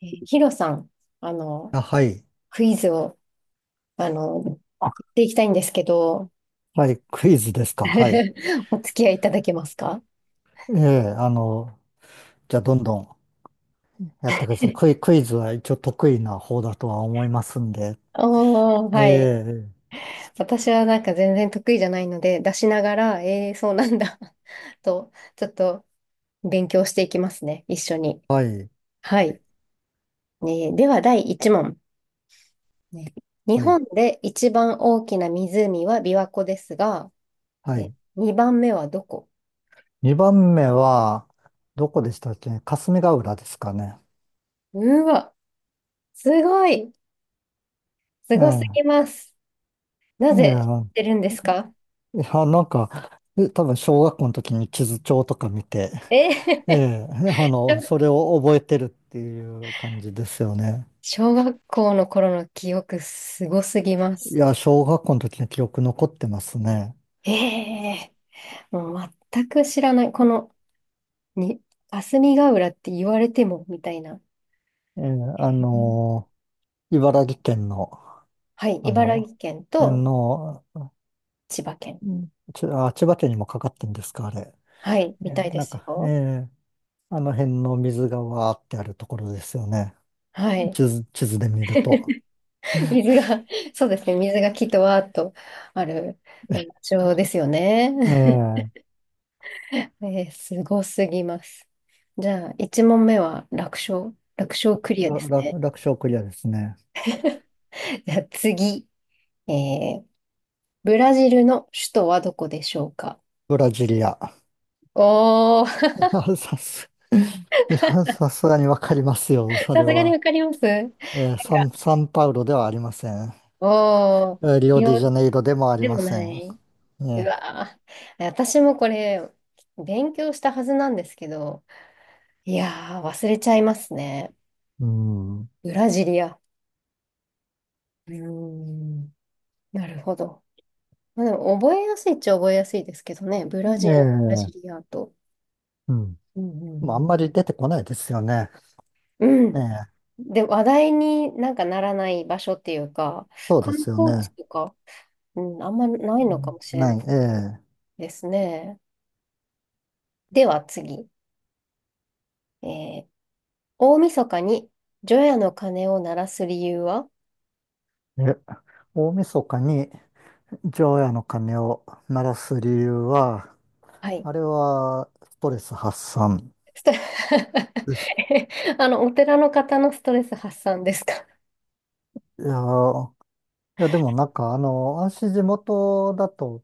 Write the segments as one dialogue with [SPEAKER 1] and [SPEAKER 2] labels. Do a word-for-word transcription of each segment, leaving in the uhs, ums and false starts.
[SPEAKER 1] えーヒロさん、あの、
[SPEAKER 2] あ、はい。
[SPEAKER 1] クイズを、あの、言っ
[SPEAKER 2] あ、
[SPEAKER 1] ていきたいんですけど、
[SPEAKER 2] はい。クイズですか？はい。
[SPEAKER 1] お付き合いいただけますか？
[SPEAKER 2] ええ、あの、じゃあ、どんどんやってください。クイ、クイズは一応得意な方だとは思いますんで。
[SPEAKER 1] おー、
[SPEAKER 2] え
[SPEAKER 1] はい。
[SPEAKER 2] え、
[SPEAKER 1] 私はなんか全然得意じゃないので、出しながら、えー、そうなんだ と、ちょっと勉強していきますね、一緒に。
[SPEAKER 2] はい。
[SPEAKER 1] はい。ね、では、だいいち問。ね、日
[SPEAKER 2] はい。
[SPEAKER 1] 本で一番大きな湖は琵琶湖ですが、
[SPEAKER 2] は
[SPEAKER 1] え、
[SPEAKER 2] い。
[SPEAKER 1] にばんめはどこ？
[SPEAKER 2] にばんめは、どこでしたっけ、霞ヶ浦ですかね？
[SPEAKER 1] うわ、すごい、す
[SPEAKER 2] え
[SPEAKER 1] ごすぎ
[SPEAKER 2] え、
[SPEAKER 1] ます。なぜ知って
[SPEAKER 2] え
[SPEAKER 1] るんですか？
[SPEAKER 2] え、いや、なんか、え多分小学校の時に地図帳とか見て、
[SPEAKER 1] え
[SPEAKER 2] え
[SPEAKER 1] ー
[SPEAKER 2] え、あの、それを覚えてるっていう感じですよね。
[SPEAKER 1] 小学校の頃の記憶すごすぎま
[SPEAKER 2] い
[SPEAKER 1] す。
[SPEAKER 2] や、小学校の時の記憶残ってますね。
[SPEAKER 1] ええ、もう全く知らない。この、に、霞ヶ浦って言われても、みたいな。
[SPEAKER 2] えーあ
[SPEAKER 1] うん、
[SPEAKER 2] のー茨城県の、
[SPEAKER 1] はい、
[SPEAKER 2] あ
[SPEAKER 1] 茨
[SPEAKER 2] の、
[SPEAKER 1] 城県
[SPEAKER 2] 天
[SPEAKER 1] と
[SPEAKER 2] 皇、
[SPEAKER 1] 千葉県。
[SPEAKER 2] うんち、あ、千葉県にもかかってんですか、あれ？
[SPEAKER 1] はい、
[SPEAKER 2] え
[SPEAKER 1] みたい
[SPEAKER 2] ー
[SPEAKER 1] で
[SPEAKER 2] なん
[SPEAKER 1] す
[SPEAKER 2] か、え
[SPEAKER 1] よ。
[SPEAKER 2] ーあの辺の水がわーってあるところですよね。
[SPEAKER 1] はい。
[SPEAKER 2] 地図、地図で見ると。
[SPEAKER 1] 水が、そうですね、水がきっとわーっとある場所ですよね。
[SPEAKER 2] え ー
[SPEAKER 1] えーすごすぎます。じゃあ、いち問目は楽勝楽勝クリアで
[SPEAKER 2] ら
[SPEAKER 1] す
[SPEAKER 2] ら
[SPEAKER 1] ね。
[SPEAKER 2] 楽勝クリアですね。
[SPEAKER 1] じゃあ次、えー、ブラジルの首都はどこでしょうか？
[SPEAKER 2] ブラジリア。
[SPEAKER 1] おー、
[SPEAKER 2] いや、さす、いや、さすがにわかりますよ、そ
[SPEAKER 1] さ
[SPEAKER 2] れ
[SPEAKER 1] すがに
[SPEAKER 2] は。
[SPEAKER 1] わかります、なんか、
[SPEAKER 2] えーサン、サンパウロではありません。
[SPEAKER 1] おー、
[SPEAKER 2] えーリオ
[SPEAKER 1] リ
[SPEAKER 2] デジャ
[SPEAKER 1] オ
[SPEAKER 2] ネイロでもあり
[SPEAKER 1] で
[SPEAKER 2] ま
[SPEAKER 1] もな
[SPEAKER 2] せん。
[SPEAKER 1] い。う
[SPEAKER 2] ね。
[SPEAKER 1] わー、私もこれ、勉強したはずなんですけど、いやー、忘れちゃいますね。
[SPEAKER 2] うん。
[SPEAKER 1] ブラジリア。うーん、なるほど。まあ、でも、覚えやすいっちゃ覚えやすいですけどね。ブラジル、ブラジ
[SPEAKER 2] ええ、
[SPEAKER 1] リアと。
[SPEAKER 2] うん。
[SPEAKER 1] うんうんう
[SPEAKER 2] まあ、あん
[SPEAKER 1] ん
[SPEAKER 2] まり出てこないですよね。
[SPEAKER 1] う
[SPEAKER 2] え
[SPEAKER 1] ん。
[SPEAKER 2] え、
[SPEAKER 1] で、話題になんかならない場所っていうか、
[SPEAKER 2] そうで
[SPEAKER 1] 観
[SPEAKER 2] すよ
[SPEAKER 1] 光地
[SPEAKER 2] ね。
[SPEAKER 1] とか、うん、あんまな
[SPEAKER 2] う
[SPEAKER 1] いのか
[SPEAKER 2] ん
[SPEAKER 1] もしれ
[SPEAKER 2] な
[SPEAKER 1] な
[SPEAKER 2] い、
[SPEAKER 1] い
[SPEAKER 2] え
[SPEAKER 1] ですね。では次。えー、大晦日に除夜の鐘を鳴らす理由は？
[SPEAKER 2] え。え、大晦日に除夜の鐘を鳴らす理由は、
[SPEAKER 1] はい。
[SPEAKER 2] あれはストレス発散
[SPEAKER 1] スト
[SPEAKER 2] です。
[SPEAKER 1] えあの、お寺の方のストレス発散ですか？
[SPEAKER 2] いやー、いやでもなんかあの、私地元だと、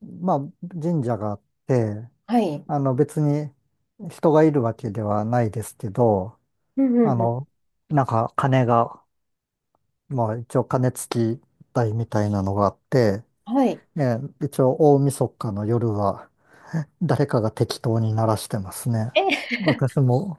[SPEAKER 2] まあ神社があって、
[SPEAKER 1] はい。
[SPEAKER 2] あの別に人がいるわけではないですけど、
[SPEAKER 1] うんう
[SPEAKER 2] あ
[SPEAKER 1] んうん。
[SPEAKER 2] の、なんか鐘がまあ一応鐘つき台みたいなのがあって、
[SPEAKER 1] はい。
[SPEAKER 2] ええ一応大晦日の夜は誰かが適当に鳴らしてますね。
[SPEAKER 1] え、
[SPEAKER 2] 私も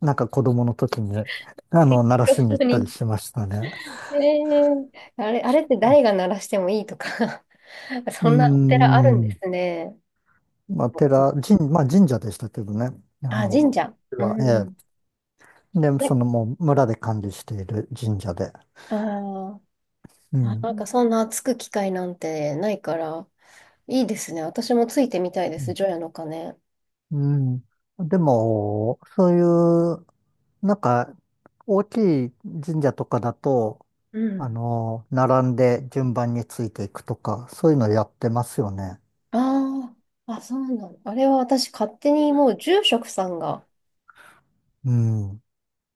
[SPEAKER 2] なんか子供の時にあ
[SPEAKER 1] 適
[SPEAKER 2] の鳴らしに行っ
[SPEAKER 1] 当
[SPEAKER 2] たり
[SPEAKER 1] に。
[SPEAKER 2] しましたね。
[SPEAKER 1] えー、あれ、あれって誰が鳴らしてもいいとか
[SPEAKER 2] うー
[SPEAKER 1] そんなお寺あるんで
[SPEAKER 2] ん。
[SPEAKER 1] すね。
[SPEAKER 2] まあ寺、神、まあ神社でしたけどね。あ
[SPEAKER 1] あ、
[SPEAKER 2] の、
[SPEAKER 1] 神社。う
[SPEAKER 2] は、え
[SPEAKER 1] ん。
[SPEAKER 2] え、で、
[SPEAKER 1] ね、
[SPEAKER 2] そのもう村で管理している神社で。
[SPEAKER 1] あー
[SPEAKER 2] う
[SPEAKER 1] あ、なん
[SPEAKER 2] ん。
[SPEAKER 1] かそんなつく機会なんてないから、いいですね。私もついてみたいで
[SPEAKER 2] う
[SPEAKER 1] す、除夜の鐘。
[SPEAKER 2] ん。うんでも、そういうなんか、大きい神社とかだと、
[SPEAKER 1] う
[SPEAKER 2] あ
[SPEAKER 1] ん。
[SPEAKER 2] の、並んで順番についていくとか、そういうのやってますよね。
[SPEAKER 1] ああ、あ、そうなの。あれは私勝手にもう住職さんが
[SPEAKER 2] うん。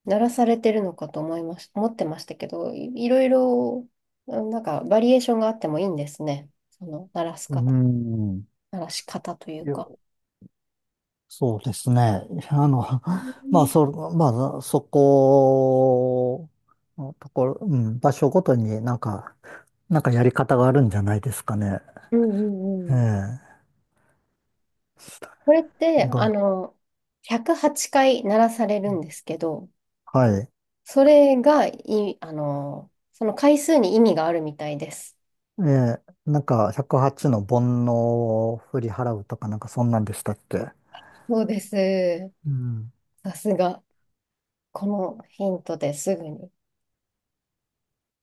[SPEAKER 1] 鳴らされてるのかと思いまし、思ってましたけど、い、いろいろ、うん、なんかバリエーションがあってもいいんですね。その鳴らす
[SPEAKER 2] う
[SPEAKER 1] 方、
[SPEAKER 2] ん。
[SPEAKER 1] 鳴らし方とい
[SPEAKER 2] い
[SPEAKER 1] う
[SPEAKER 2] や
[SPEAKER 1] か。
[SPEAKER 2] そうですね。あの、
[SPEAKER 1] う
[SPEAKER 2] まあ、
[SPEAKER 1] ん
[SPEAKER 2] そ、まあ、そこのところ、うん、場所ごとになんか、なんかやり方があるんじゃないですかね。
[SPEAKER 1] うん
[SPEAKER 2] え
[SPEAKER 1] うん。
[SPEAKER 2] え。な
[SPEAKER 1] これって、
[SPEAKER 2] ん
[SPEAKER 1] あ
[SPEAKER 2] か、
[SPEAKER 1] の、ひゃくはちかい鳴らされるんですけど、
[SPEAKER 2] はい。
[SPEAKER 1] それがい、あの、その回数に意味があるみたいです。
[SPEAKER 2] ええ、なんかひゃくはちの煩悩を振り払うとかなんかそんなんでしたっけ？
[SPEAKER 1] そうです。
[SPEAKER 2] うん。
[SPEAKER 1] さすが。このヒントですぐに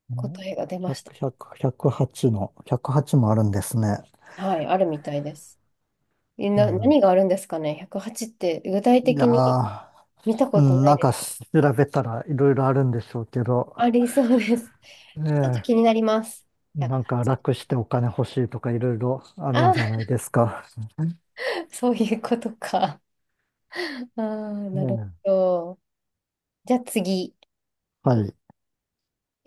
[SPEAKER 2] ね、
[SPEAKER 1] 答えが出ました。
[SPEAKER 2] ひゃく、はちの、ひゃくはちもあるんですね。
[SPEAKER 1] はい、あるみたいです。え
[SPEAKER 2] う
[SPEAKER 1] な、
[SPEAKER 2] ん。
[SPEAKER 1] 何があるんですかね？ ひゃくはち って具体
[SPEAKER 2] いや
[SPEAKER 1] 的に
[SPEAKER 2] ー、
[SPEAKER 1] 見た
[SPEAKER 2] う
[SPEAKER 1] こと
[SPEAKER 2] ん、
[SPEAKER 1] な
[SPEAKER 2] な
[SPEAKER 1] い
[SPEAKER 2] ん
[SPEAKER 1] で
[SPEAKER 2] か調
[SPEAKER 1] す。
[SPEAKER 2] べたらいろいろあるんでしょうけど、
[SPEAKER 1] ありそうです。
[SPEAKER 2] ね
[SPEAKER 1] ちょっと気になります。
[SPEAKER 2] え、なんか
[SPEAKER 1] いち ぜろ
[SPEAKER 2] 楽してお金欲しいとかいろいろあるんじゃ
[SPEAKER 1] あ
[SPEAKER 2] ないですか？
[SPEAKER 1] あ、そういうことか。ああ、
[SPEAKER 2] うん、
[SPEAKER 1] なる
[SPEAKER 2] ね
[SPEAKER 1] ほど。じゃあ次。
[SPEAKER 2] え、はい。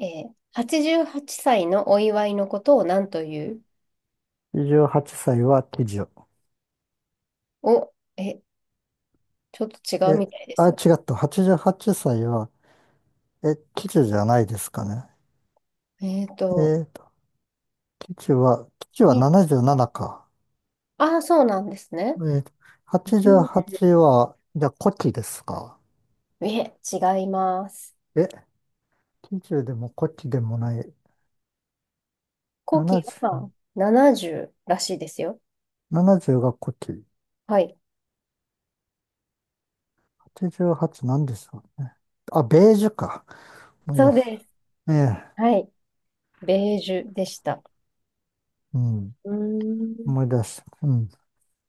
[SPEAKER 1] えー、はちじゅうはっさいのお祝いのことを何という？
[SPEAKER 2] にじゅうはっさいはっさいは喜寿。
[SPEAKER 1] お、え、ちょっと違
[SPEAKER 2] え、
[SPEAKER 1] うみたいで
[SPEAKER 2] あ、
[SPEAKER 1] す
[SPEAKER 2] 違
[SPEAKER 1] よ。
[SPEAKER 2] った。はちじゅうはっさいはっさいは、え、喜寿じゃないですかね？
[SPEAKER 1] えっ
[SPEAKER 2] え
[SPEAKER 1] と、
[SPEAKER 2] ー基地は、基地は
[SPEAKER 1] い
[SPEAKER 2] ななじゅうななか。
[SPEAKER 1] ああ、そうなんですね。
[SPEAKER 2] えー、
[SPEAKER 1] うん、
[SPEAKER 2] はちじゅうはちはちは、じゃあ古希ですか？
[SPEAKER 1] いえ、違います。
[SPEAKER 2] え、きじゅうでも古希でもない。
[SPEAKER 1] 古希
[SPEAKER 2] 70、
[SPEAKER 1] はななじゅうらしいですよ。
[SPEAKER 2] 70が古希。
[SPEAKER 1] はい。
[SPEAKER 2] はちじゅうはちなんでしょうね。あ、ベージュか。思い
[SPEAKER 1] そ
[SPEAKER 2] 出
[SPEAKER 1] う
[SPEAKER 2] す。
[SPEAKER 1] です。
[SPEAKER 2] ええ、
[SPEAKER 1] はい。ベージュでした。
[SPEAKER 2] うん。
[SPEAKER 1] うー
[SPEAKER 2] 思
[SPEAKER 1] ん。
[SPEAKER 2] い出した。うん。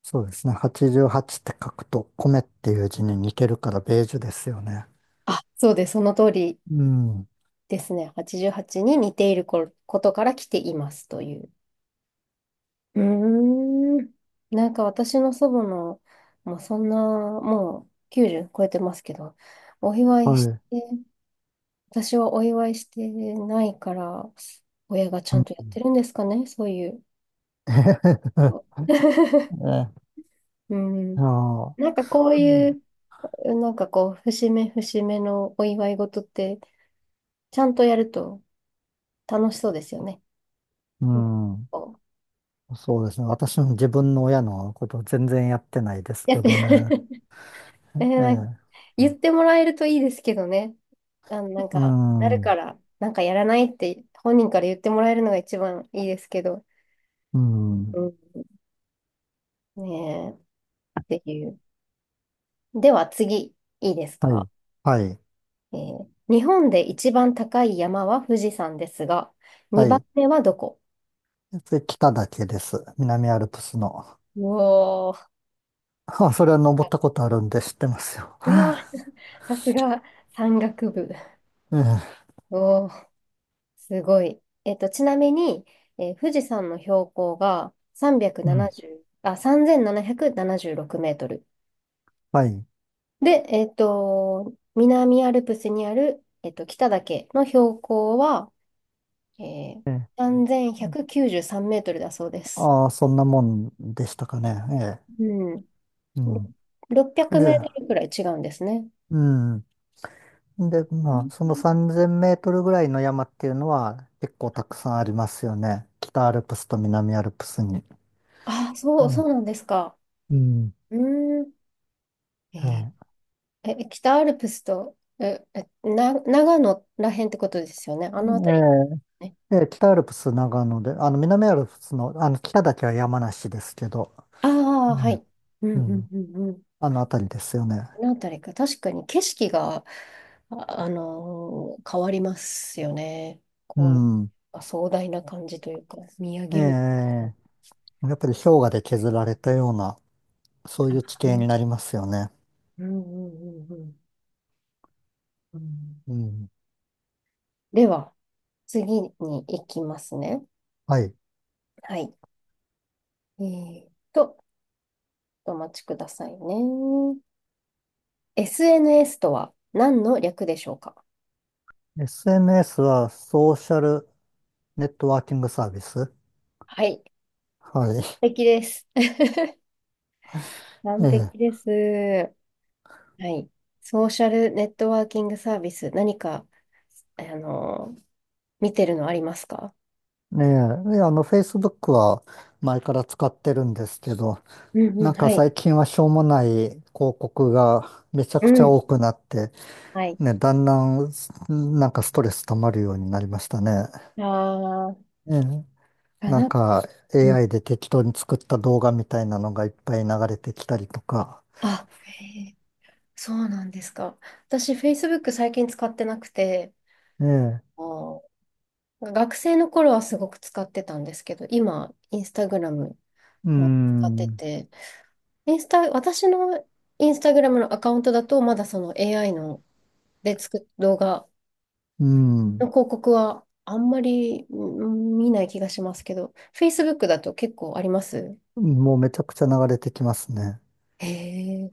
[SPEAKER 2] そうですね。はちじゅうはちって書くと、米っていう字に似てるから、ベージュですよね。
[SPEAKER 1] あ、そうです。その通り
[SPEAKER 2] うん。
[SPEAKER 1] ですね。はちじゅうはちに似ているこことから来ていますという。うーん。なんか私の祖母の、もうそんな、もうきゅうじゅう超えてますけど、お祝
[SPEAKER 2] は
[SPEAKER 1] いし
[SPEAKER 2] い。
[SPEAKER 1] て、私はお祝いしてないから、親がちゃ
[SPEAKER 2] う
[SPEAKER 1] ん
[SPEAKER 2] ん。
[SPEAKER 1] とやってるんですかね、そういう。
[SPEAKER 2] えへへへ え、
[SPEAKER 1] うん。
[SPEAKER 2] ああ。
[SPEAKER 1] なんかこう
[SPEAKER 2] う
[SPEAKER 1] い
[SPEAKER 2] ん。
[SPEAKER 1] う、なんかこう、節目節目のお祝い事って、ちゃんとやると楽しそうですよね。
[SPEAKER 2] うん、
[SPEAKER 1] こう
[SPEAKER 2] そうですね。私も自分の親のこと全然やってないです
[SPEAKER 1] や
[SPEAKER 2] け
[SPEAKER 1] って
[SPEAKER 2] どね。
[SPEAKER 1] え
[SPEAKER 2] え
[SPEAKER 1] ーなんか
[SPEAKER 2] え。
[SPEAKER 1] 言ってもらえるといいですけどね。あの、なん
[SPEAKER 2] う
[SPEAKER 1] か、なるか
[SPEAKER 2] ん。
[SPEAKER 1] ら、なんかやらないって本人から言ってもらえるのが一番いいですけど。
[SPEAKER 2] う
[SPEAKER 1] う
[SPEAKER 2] ん。
[SPEAKER 1] ん、ねえ、っていう。では次、いいです
[SPEAKER 2] は
[SPEAKER 1] か、
[SPEAKER 2] い。はい。
[SPEAKER 1] えー日本で一番高い山は富士山ですが、
[SPEAKER 2] は
[SPEAKER 1] 2番
[SPEAKER 2] い。
[SPEAKER 1] 目はどこ？
[SPEAKER 2] で、北岳です。南アルプスの。
[SPEAKER 1] おおー、
[SPEAKER 2] あ、それは登ったことあるんで知ってますよ。
[SPEAKER 1] うわー、さすが山岳部。
[SPEAKER 2] ええ。
[SPEAKER 1] お、すごい。えっと、ちなみに、えー富士山の標高が
[SPEAKER 2] うん。
[SPEAKER 1] さんびゃくななじゅう、あ、さんぜんななひゃくななじゅうろくメートル。
[SPEAKER 2] はい。
[SPEAKER 1] で、えっと、南アルプスにある、えっと、北岳の標高は、えー、
[SPEAKER 2] ええ。
[SPEAKER 1] さんぜんひゃくきゅうじゅうさんメートルだそうです。
[SPEAKER 2] ああ、そんなもんでしたかね。え
[SPEAKER 1] うん。
[SPEAKER 2] え。うん。
[SPEAKER 1] 600メ
[SPEAKER 2] じ
[SPEAKER 1] ー
[SPEAKER 2] ゃ、
[SPEAKER 1] トルくらい違うんですね。
[SPEAKER 2] うん。
[SPEAKER 1] うん、
[SPEAKER 2] で、まあ、そのさんぜんメートルぐらいの山っていうのは結構たくさんありますよね。北アルプスと南アルプスに。
[SPEAKER 1] あ、そう、そうなんですか。
[SPEAKER 2] うん。
[SPEAKER 1] うーん。え
[SPEAKER 2] は
[SPEAKER 1] ー
[SPEAKER 2] い。
[SPEAKER 1] え、北アルプスと、え、え、な、長野らへんってことですよね。あ
[SPEAKER 2] え
[SPEAKER 1] の辺り。ね。
[SPEAKER 2] え、ええ北アルプス長野で、あの、南アルプスの、あの、北だけは山梨ですけど、
[SPEAKER 1] ああ、は
[SPEAKER 2] ね、
[SPEAKER 1] い。うん
[SPEAKER 2] う
[SPEAKER 1] うん
[SPEAKER 2] ん。
[SPEAKER 1] うんうん。
[SPEAKER 2] あの辺りですよね。
[SPEAKER 1] あの辺りか。確かに景色が、あ、あのー変わりますよね。
[SPEAKER 2] う
[SPEAKER 1] こう、
[SPEAKER 2] ん。
[SPEAKER 1] あ壮大な感じというか、見上
[SPEAKER 2] ええ、
[SPEAKER 1] げる。あ、
[SPEAKER 2] やっぱり氷河で削られたような、そういう地
[SPEAKER 1] う
[SPEAKER 2] 形に
[SPEAKER 1] ん
[SPEAKER 2] なりますよね。
[SPEAKER 1] うんうんうんうん。
[SPEAKER 2] うん。
[SPEAKER 1] では、次に行きますね。
[SPEAKER 2] はい。
[SPEAKER 1] はい。えーっと、お待ちくださいね。エスエヌエス とは何の略でしょうか？
[SPEAKER 2] エスエヌエス はソーシャルネットワーキングサービス。
[SPEAKER 1] はい。
[SPEAKER 2] はい。
[SPEAKER 1] 完璧です。
[SPEAKER 2] え
[SPEAKER 1] 完璧
[SPEAKER 2] え。
[SPEAKER 1] です。はい。ソーシャルネットワーキングサービス、何か、あの、見てるのありますか？
[SPEAKER 2] ええ。であの、Facebook は前から使ってるんですけど、
[SPEAKER 1] うんう
[SPEAKER 2] な
[SPEAKER 1] ん、
[SPEAKER 2] ん
[SPEAKER 1] は
[SPEAKER 2] か
[SPEAKER 1] い。
[SPEAKER 2] 最近はしょうもない広告がめちゃ
[SPEAKER 1] う
[SPEAKER 2] くちゃ
[SPEAKER 1] ん。
[SPEAKER 2] 多くなって、
[SPEAKER 1] はい。
[SPEAKER 2] ね、だんだんなんかストレス溜まるようになりましたね。
[SPEAKER 1] あー、
[SPEAKER 2] ええ、
[SPEAKER 1] か
[SPEAKER 2] なん
[SPEAKER 1] な。
[SPEAKER 2] か
[SPEAKER 1] うん、
[SPEAKER 2] エーアイ で適当に作った動画みたいなのがいっぱい流れてきたりとか。
[SPEAKER 1] あ、へー、そうなんですか。私、Facebook 最近使ってなくて、
[SPEAKER 2] ええ、
[SPEAKER 1] あー、学生の頃はすごく使ってたんですけど、今、Instagram
[SPEAKER 2] う
[SPEAKER 1] も使って
[SPEAKER 2] ん、
[SPEAKER 1] て、インスタ、私のインスタグラムのアカウントだと、まだその エーアイ ので作る動画
[SPEAKER 2] うん、
[SPEAKER 1] の広告はあんまり、うん、見ない気がしますけど、Facebook だと結構あります？
[SPEAKER 2] もうめちゃくちゃ流れてきますね。
[SPEAKER 1] へえ。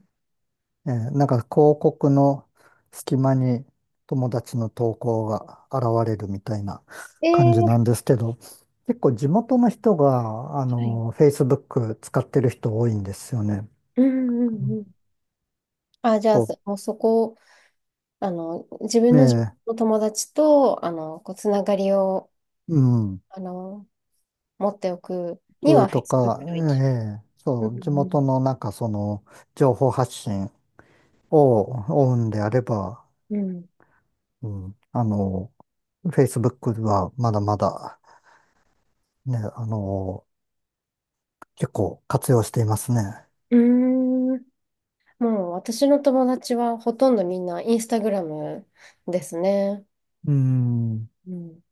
[SPEAKER 2] えーなんか広告の隙間に友達の投稿が現れるみたいな
[SPEAKER 1] え
[SPEAKER 2] 感じ
[SPEAKER 1] え、
[SPEAKER 2] なんですけど、結構地元の人が、あ
[SPEAKER 1] はい。
[SPEAKER 2] の、Facebook 使ってる人多いんですよね。
[SPEAKER 1] うんう
[SPEAKER 2] う
[SPEAKER 1] ん
[SPEAKER 2] ん、
[SPEAKER 1] うん。あ、じゃあ、
[SPEAKER 2] こ
[SPEAKER 1] そもうそこ、あの、自
[SPEAKER 2] う、
[SPEAKER 1] 分の
[SPEAKER 2] ね
[SPEAKER 1] 友達と、あの、こう、つながりを、
[SPEAKER 2] え、うん、
[SPEAKER 1] あの、持っておくに
[SPEAKER 2] グー
[SPEAKER 1] は
[SPEAKER 2] と
[SPEAKER 1] Facebook
[SPEAKER 2] か、
[SPEAKER 1] が
[SPEAKER 2] え
[SPEAKER 1] 一
[SPEAKER 2] え、そ
[SPEAKER 1] 番。
[SPEAKER 2] う、
[SPEAKER 1] う
[SPEAKER 2] 地
[SPEAKER 1] ん
[SPEAKER 2] 元のなんかその、情報発信を追うんであれば、
[SPEAKER 1] うん。
[SPEAKER 2] うん、あの、Facebook はまだまだ、ね、あの、結構活用していますね。
[SPEAKER 1] うん。うーん、もう私の友達はほとんどみんなインスタグラムですね。
[SPEAKER 2] うん。
[SPEAKER 1] うん